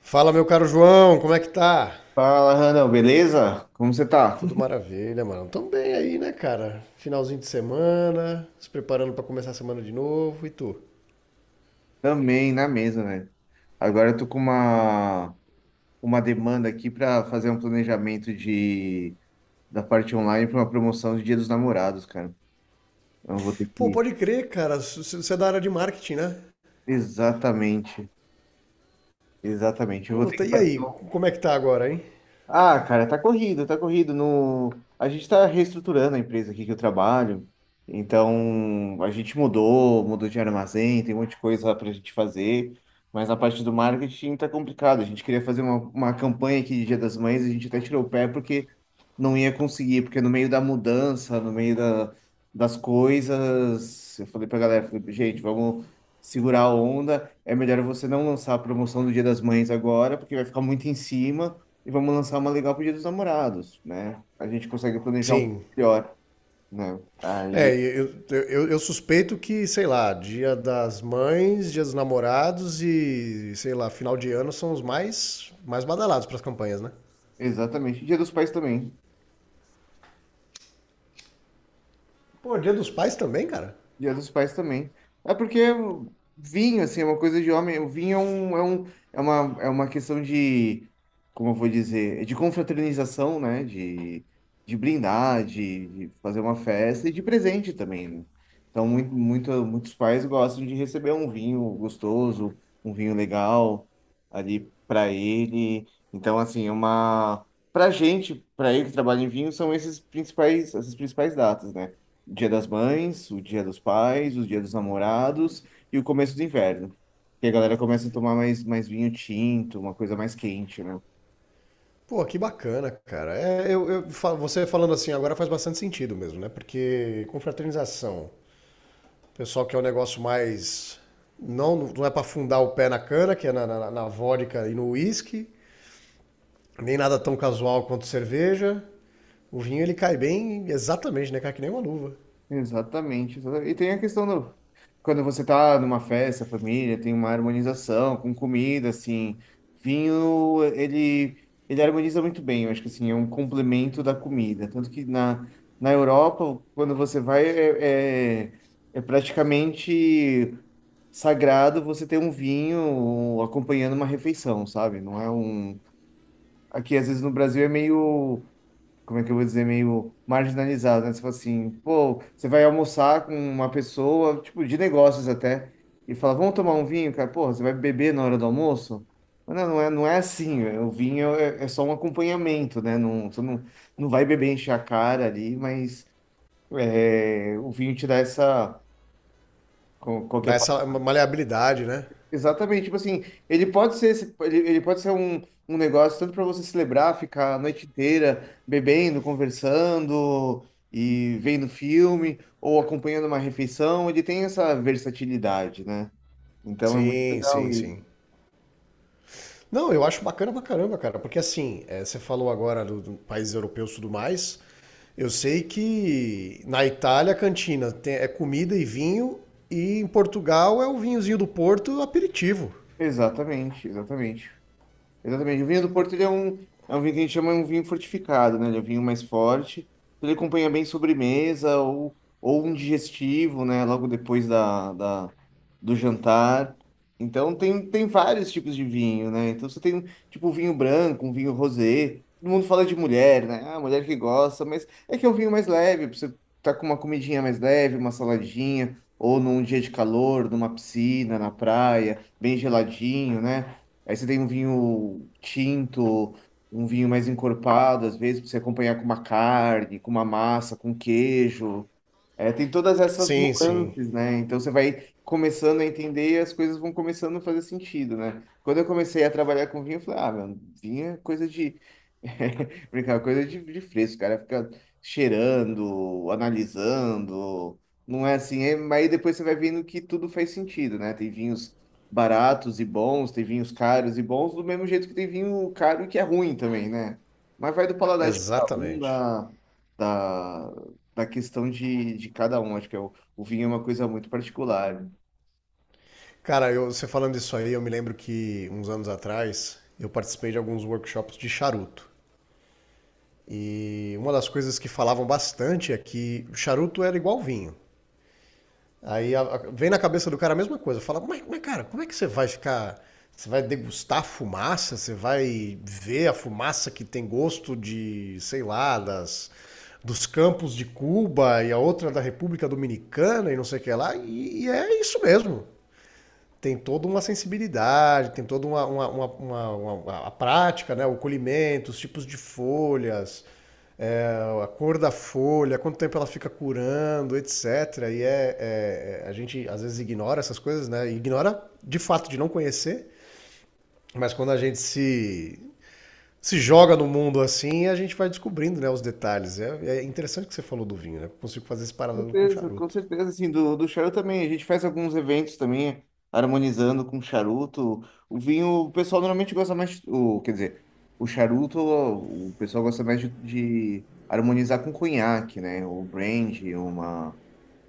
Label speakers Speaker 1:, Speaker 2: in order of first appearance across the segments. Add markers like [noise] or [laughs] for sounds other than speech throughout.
Speaker 1: Fala, meu caro João, como é que tá?
Speaker 2: Fala, Randall, beleza? Como você tá?
Speaker 1: Tudo
Speaker 2: [laughs]
Speaker 1: maravilha, mano. Tamo bem aí, né, cara? Finalzinho de semana, se preparando pra começar a semana de novo, e tu?
Speaker 2: Também na mesa, velho. Agora eu tô com uma demanda aqui pra fazer um planejamento da parte online pra uma promoção de Dia dos Namorados, cara. Então eu vou ter
Speaker 1: Pô,
Speaker 2: que.
Speaker 1: pode crer, cara, você é da área de marketing, né?
Speaker 2: Exatamente, exatamente. Eu vou ter
Speaker 1: Puta,
Speaker 2: que
Speaker 1: e
Speaker 2: fazer.
Speaker 1: aí, como é que tá agora, hein?
Speaker 2: Ah, cara, tá corrido, tá corrido. No... A gente tá reestruturando a empresa aqui que eu trabalho. Então, a gente mudou de armazém, tem um monte de coisa pra gente fazer. Mas a parte do marketing tá complicado. A gente queria fazer uma campanha aqui de Dia das Mães, a gente até tirou o pé porque não ia conseguir, porque no meio da mudança, no meio das coisas, eu falei pra galera, falei, gente, vamos segurar a onda. É melhor você não lançar a promoção do Dia das Mães agora, porque vai ficar muito em cima e vamos lançar uma legal pro Dia dos Namorados, né? A gente consegue planejar um pouco
Speaker 1: Sim.
Speaker 2: melhor, né? Aí,
Speaker 1: É, eu suspeito que, sei lá, dia das mães, dia dos namorados e, sei lá, final de ano são os mais badalados pras campanhas, né?
Speaker 2: exatamente. Dia dos Pais também.
Speaker 1: Pô, dia dos pais também, cara?
Speaker 2: Dia dos Pais também. É porque vinho, assim, é uma coisa de homem. O vinho é um, é uma questão como eu vou dizer, de confraternização, né? De brindar, de fazer uma festa e de presente também, né? Então, muitos pais gostam de receber um vinho gostoso, um vinho legal ali para ele. Então, assim, é uma. Pra gente, pra eu que trabalha em vinho, são esses principais, essas principais datas, né? Dia das Mães, o Dia dos Pais, o Dia dos Namorados e o começo do inverno. Que a galera começa a tomar mais vinho tinto, uma coisa mais quente, né?
Speaker 1: Pô, que bacana, cara. É, você falando assim agora faz bastante sentido mesmo, né? Porque confraternização, o pessoal que é um negócio mais. Não, não é pra afundar o pé na cana, que é na vodka e no uísque, nem nada tão casual quanto cerveja. O vinho ele cai bem exatamente, né? Cai que nem uma luva.
Speaker 2: Exatamente, exatamente. E tem a questão do. Quando você tá numa festa, família, tem uma harmonização com comida, assim. Vinho, ele harmoniza muito bem, eu acho que assim, é um complemento da comida. Tanto que na Europa, quando você vai, é praticamente. Sagrado você ter um vinho um, acompanhando uma refeição, sabe? Não é um. Aqui, às vezes, no Brasil é meio. Como é que eu vou dizer? Meio marginalizado, né? Você fala assim, pô, você vai almoçar com uma pessoa, tipo, de negócios até, e fala, vamos tomar um vinho, cara? Pô, você vai beber na hora do almoço? Mas não, não é, não é assim. O vinho é, é só um acompanhamento, né? Não, você não, não vai beber encher a cara ali, mas é, o vinho te dá essa.
Speaker 1: Dá
Speaker 2: Qualquer
Speaker 1: essa maleabilidade, né?
Speaker 2: exatamente, tipo assim, ele pode ser um, um negócio tanto para você celebrar, ficar a noite inteira bebendo, conversando e vendo filme ou acompanhando uma refeição, ele tem essa versatilidade, né? Então é muito
Speaker 1: Sim,
Speaker 2: legal
Speaker 1: sim, sim.
Speaker 2: isso.
Speaker 1: Não, eu acho bacana pra caramba, cara, porque assim, é, você falou agora do país europeu e tudo mais. Eu sei que na Itália a cantina é comida e vinho, e em Portugal é o vinhozinho do Porto aperitivo.
Speaker 2: Exatamente, exatamente. Exatamente. O vinho do Porto é um vinho que a gente chama de um vinho fortificado, né? Ele é um vinho mais forte. Ele acompanha bem sobremesa ou um digestivo, né? Logo depois do jantar. Então tem vários tipos de vinho, né? Então você tem um, tipo um vinho branco, um vinho rosé. Todo mundo fala de mulher, né? Ah, mulher que gosta, mas é que é um vinho mais leve, pra você tá com uma comidinha mais leve, uma saladinha, ou num dia de calor, numa piscina, na praia, bem geladinho, né? Aí você tem um vinho tinto, um vinho mais encorpado, às vezes, para você acompanhar com uma carne, com uma massa, com queijo. É, tem todas essas
Speaker 1: Sim, sim,
Speaker 2: nuances, né? Então você vai começando a entender e as coisas vão começando a fazer sentido, né? Quando eu comecei a trabalhar com vinho, eu falei, ah, mano, vinho é coisa de. [laughs] Brincar, é coisa de fresco, cara. Fica cheirando, analisando. Não é assim, é... mas aí depois você vai vendo que tudo faz sentido, né? Tem vinhos baratos e bons, tem vinhos caros e bons, do mesmo jeito que tem vinho caro e que é ruim também, né? Mas vai do paladar de cada um,
Speaker 1: exatamente.
Speaker 2: da. Da da questão de cada um. Acho que é o vinho é uma coisa muito particular.
Speaker 1: Cara, você falando isso aí, eu me lembro que uns anos atrás eu participei de alguns workshops de charuto. E uma das coisas que falavam bastante é que o charuto era igual vinho. Aí vem na cabeça do cara a mesma coisa. Fala, mas, cara, como é que você vai ficar. Você vai degustar a fumaça? Você vai ver a fumaça que tem gosto de, sei lá, dos campos de Cuba e a outra da República Dominicana e não sei o que lá. E é isso mesmo. Tem toda uma sensibilidade, tem toda a prática, né? O colhimento, os tipos de folhas, é, a cor da folha, quanto tempo ela fica curando, etc. É, a gente às vezes ignora essas coisas, né? Ignora de fato de não conhecer, mas quando a gente se, se joga no mundo assim, a gente vai descobrindo, né, os detalhes. É, é interessante que você falou do vinho, né? Eu consigo fazer esse
Speaker 2: Com
Speaker 1: paralelo com
Speaker 2: certeza, com
Speaker 1: charuto.
Speaker 2: certeza. Assim, do charuto também. A gente faz alguns eventos também, harmonizando com charuto. O vinho, o pessoal normalmente gosta mais. O, quer dizer, o charuto, o pessoal gosta mais de harmonizar com conhaque, né? O brandy, uma.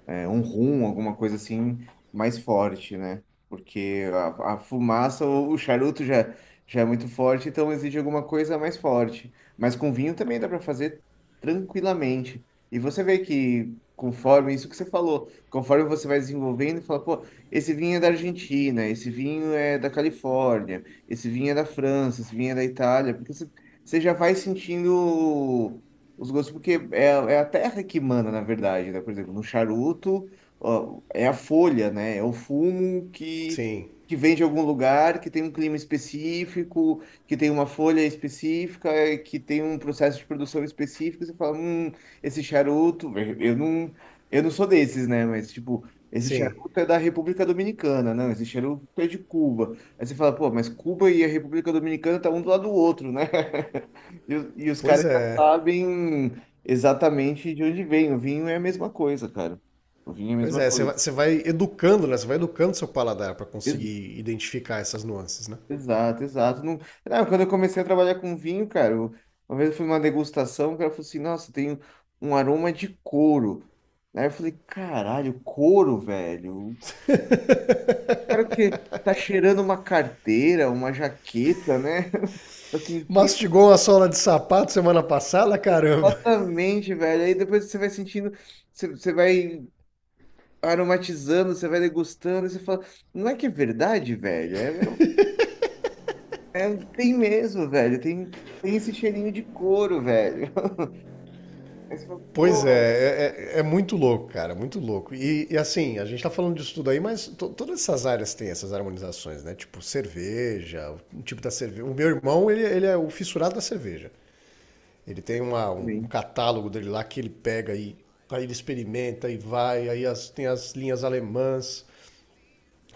Speaker 2: É, um rum, alguma coisa assim mais forte, né? Porque a fumaça ou o charuto já é muito forte, então exige alguma coisa mais forte. Mas com vinho também dá para fazer tranquilamente. E você vê que conforme isso que você falou, conforme você vai desenvolvendo, fala, pô, esse vinho é da Argentina, esse vinho é da Califórnia, esse vinho é da França, esse vinho é da Itália, porque você já vai sentindo os gostos, porque é, é a terra que manda, na verdade, né? Por exemplo, no charuto, ó, é a folha, né? É o fumo
Speaker 1: Sim,
Speaker 2: que vem de algum lugar, que tem um clima específico, que tem uma folha específica, que tem um processo de produção específico. Você fala, esse charuto, eu não sou desses, né? Mas, tipo, esse
Speaker 1: sim.
Speaker 2: charuto é da República Dominicana, não, esse charuto é de Cuba. Aí você fala, pô, mas Cuba e a República Dominicana tá um do lado do outro, né? [laughs] E, e os caras
Speaker 1: Pois é.
Speaker 2: sabem exatamente de onde vem. O vinho é a mesma coisa, cara. O vinho é a
Speaker 1: Pois
Speaker 2: mesma
Speaker 1: é,
Speaker 2: coisa.
Speaker 1: você vai educando, né? Você vai educando seu paladar para
Speaker 2: Ex-
Speaker 1: conseguir identificar essas nuances, né?
Speaker 2: Exato, exato. Não... Ah, quando eu comecei a trabalhar com vinho, cara, uma vez eu fui numa degustação, o cara falou assim, nossa, tem um aroma de couro. Aí eu falei, caralho, couro, velho. Cara, o que tá cheirando uma carteira, uma jaqueta, né? [laughs] Tá sentindo
Speaker 1: Mastigou uma sola de sapato semana passada, caramba.
Speaker 2: exatamente, velho. Aí depois você vai sentindo, você vai aromatizando, você vai degustando, e você fala, não é que é verdade, velho? É, tem mesmo, velho. Tem, tem esse cheirinho de couro, velho. [laughs] Aí você fala,
Speaker 1: Pois é,
Speaker 2: porra,
Speaker 1: é muito louco, cara, muito louco. E assim, a gente tá falando disso tudo aí, mas todas essas áreas têm essas harmonizações, né? Tipo cerveja, o tipo da cerveja. O meu irmão, ele é o fissurado da cerveja. Ele tem um
Speaker 2: hein?"
Speaker 1: catálogo dele lá que ele pega e aí ele experimenta e vai, tem as linhas alemãs.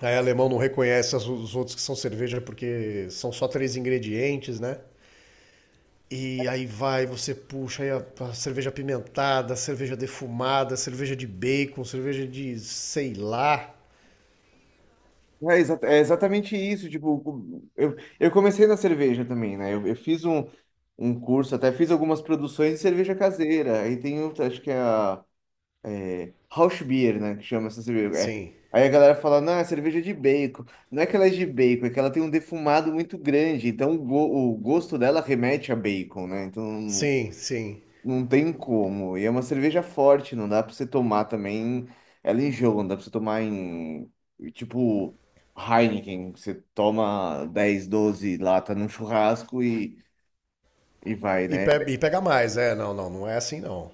Speaker 1: Aí alemão não reconhece os outros que são cerveja porque são só três ingredientes, né? E aí vai, você puxa aí a cerveja apimentada, a cerveja defumada, a cerveja de bacon, cerveja de sei lá.
Speaker 2: É, é exatamente isso. Tipo, eu comecei na cerveja também, né? Eu fiz um, um curso, até fiz algumas produções de cerveja caseira. Aí tem, outra, acho que é a. Rauchbier, né? Que chama essa cerveja. É.
Speaker 1: Sim,
Speaker 2: Aí a galera fala, não, é cerveja de bacon. Não é que ela é de bacon, é que ela tem um defumado muito grande. Então o gosto dela remete a bacon, né? Então
Speaker 1: sim, sim.
Speaker 2: não tem como. E é uma cerveja forte, não dá pra você tomar também ela em jogo, não dá pra você tomar em. Tipo Heineken, que você toma 10, 12 lata num churrasco e vai,
Speaker 1: E,
Speaker 2: né?
Speaker 1: e pega mais, é, não, não, não é assim não.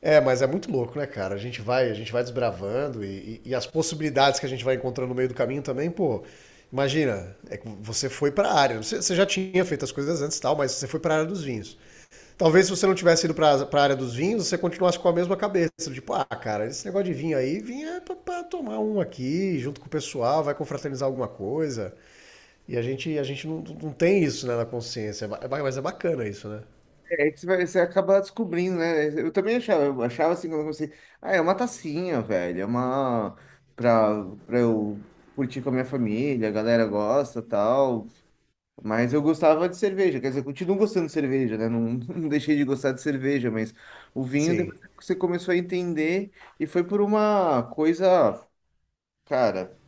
Speaker 1: É, mas é muito louco, né, cara? A gente vai desbravando e, e as possibilidades que a gente vai encontrando no meio do caminho também, pô. Imagina, é que você foi pra área. Você já tinha feito as coisas antes e tal, mas você foi pra área dos vinhos. Talvez se você não tivesse ido para a área dos vinhos, você continuasse com a mesma cabeça. Tipo, ah, cara, esse negócio de vinho aí, vinho é para tomar um aqui, junto com o pessoal, vai confraternizar alguma coisa. E a gente não, não tem isso, né, na consciência. Mas é bacana isso, né?
Speaker 2: É que você acaba descobrindo, né? Eu também achava, eu achava assim quando eu comecei, ah, é uma tacinha, velho, é uma pra eu curtir com a minha família, a galera gosta, tal. Mas eu gostava de cerveja, quer dizer, eu continuo gostando de cerveja, né? Não, [laughs] não deixei de gostar de cerveja, mas o vinho
Speaker 1: Sim,
Speaker 2: depois que você começou a entender e foi por uma coisa, cara.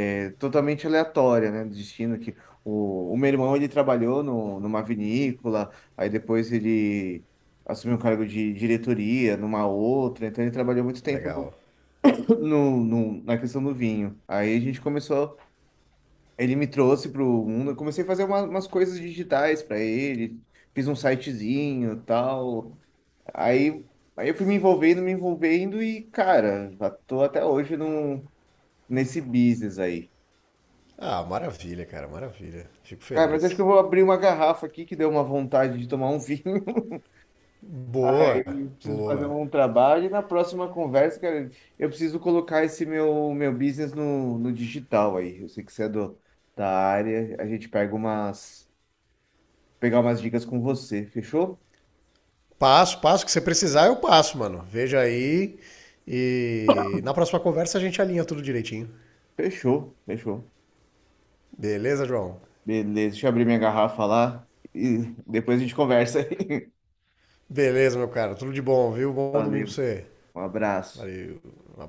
Speaker 2: É totalmente aleatória, né? Do destino que o meu irmão ele trabalhou no, numa vinícola, aí depois ele assumiu um cargo de diretoria numa outra, então ele trabalhou muito tempo
Speaker 1: legal.
Speaker 2: no, [coughs] na questão do vinho. Aí a gente começou, ele me trouxe para o mundo, eu comecei a fazer umas coisas digitais para ele, fiz um sitezinho, tal. Aí Aí eu fui me envolvendo e, cara, já tô até hoje num, nesse business aí.
Speaker 1: Ah, maravilha, cara, maravilha. Fico
Speaker 2: Cara, mas acho que
Speaker 1: feliz.
Speaker 2: eu vou abrir uma garrafa aqui que deu uma vontade de tomar um vinho. [laughs]
Speaker 1: Boa,
Speaker 2: E preciso fazer
Speaker 1: boa.
Speaker 2: um trabalho. E na próxima conversa, cara, eu preciso colocar esse meu business no digital aí. Eu sei que você é da área. A gente pegar umas dicas com você. Fechou?
Speaker 1: Passo, que você precisar, eu passo, mano. Veja aí. E na próxima conversa a gente alinha tudo direitinho.
Speaker 2: Fechou, fechou.
Speaker 1: Beleza, João?
Speaker 2: Beleza, deixa eu abrir minha garrafa lá e depois a gente conversa aí.
Speaker 1: Beleza, meu cara. Tudo de bom, viu?
Speaker 2: [laughs]
Speaker 1: Bom domingo pra
Speaker 2: Valeu,
Speaker 1: você.
Speaker 2: um abraço.
Speaker 1: Valeu. Um abraço.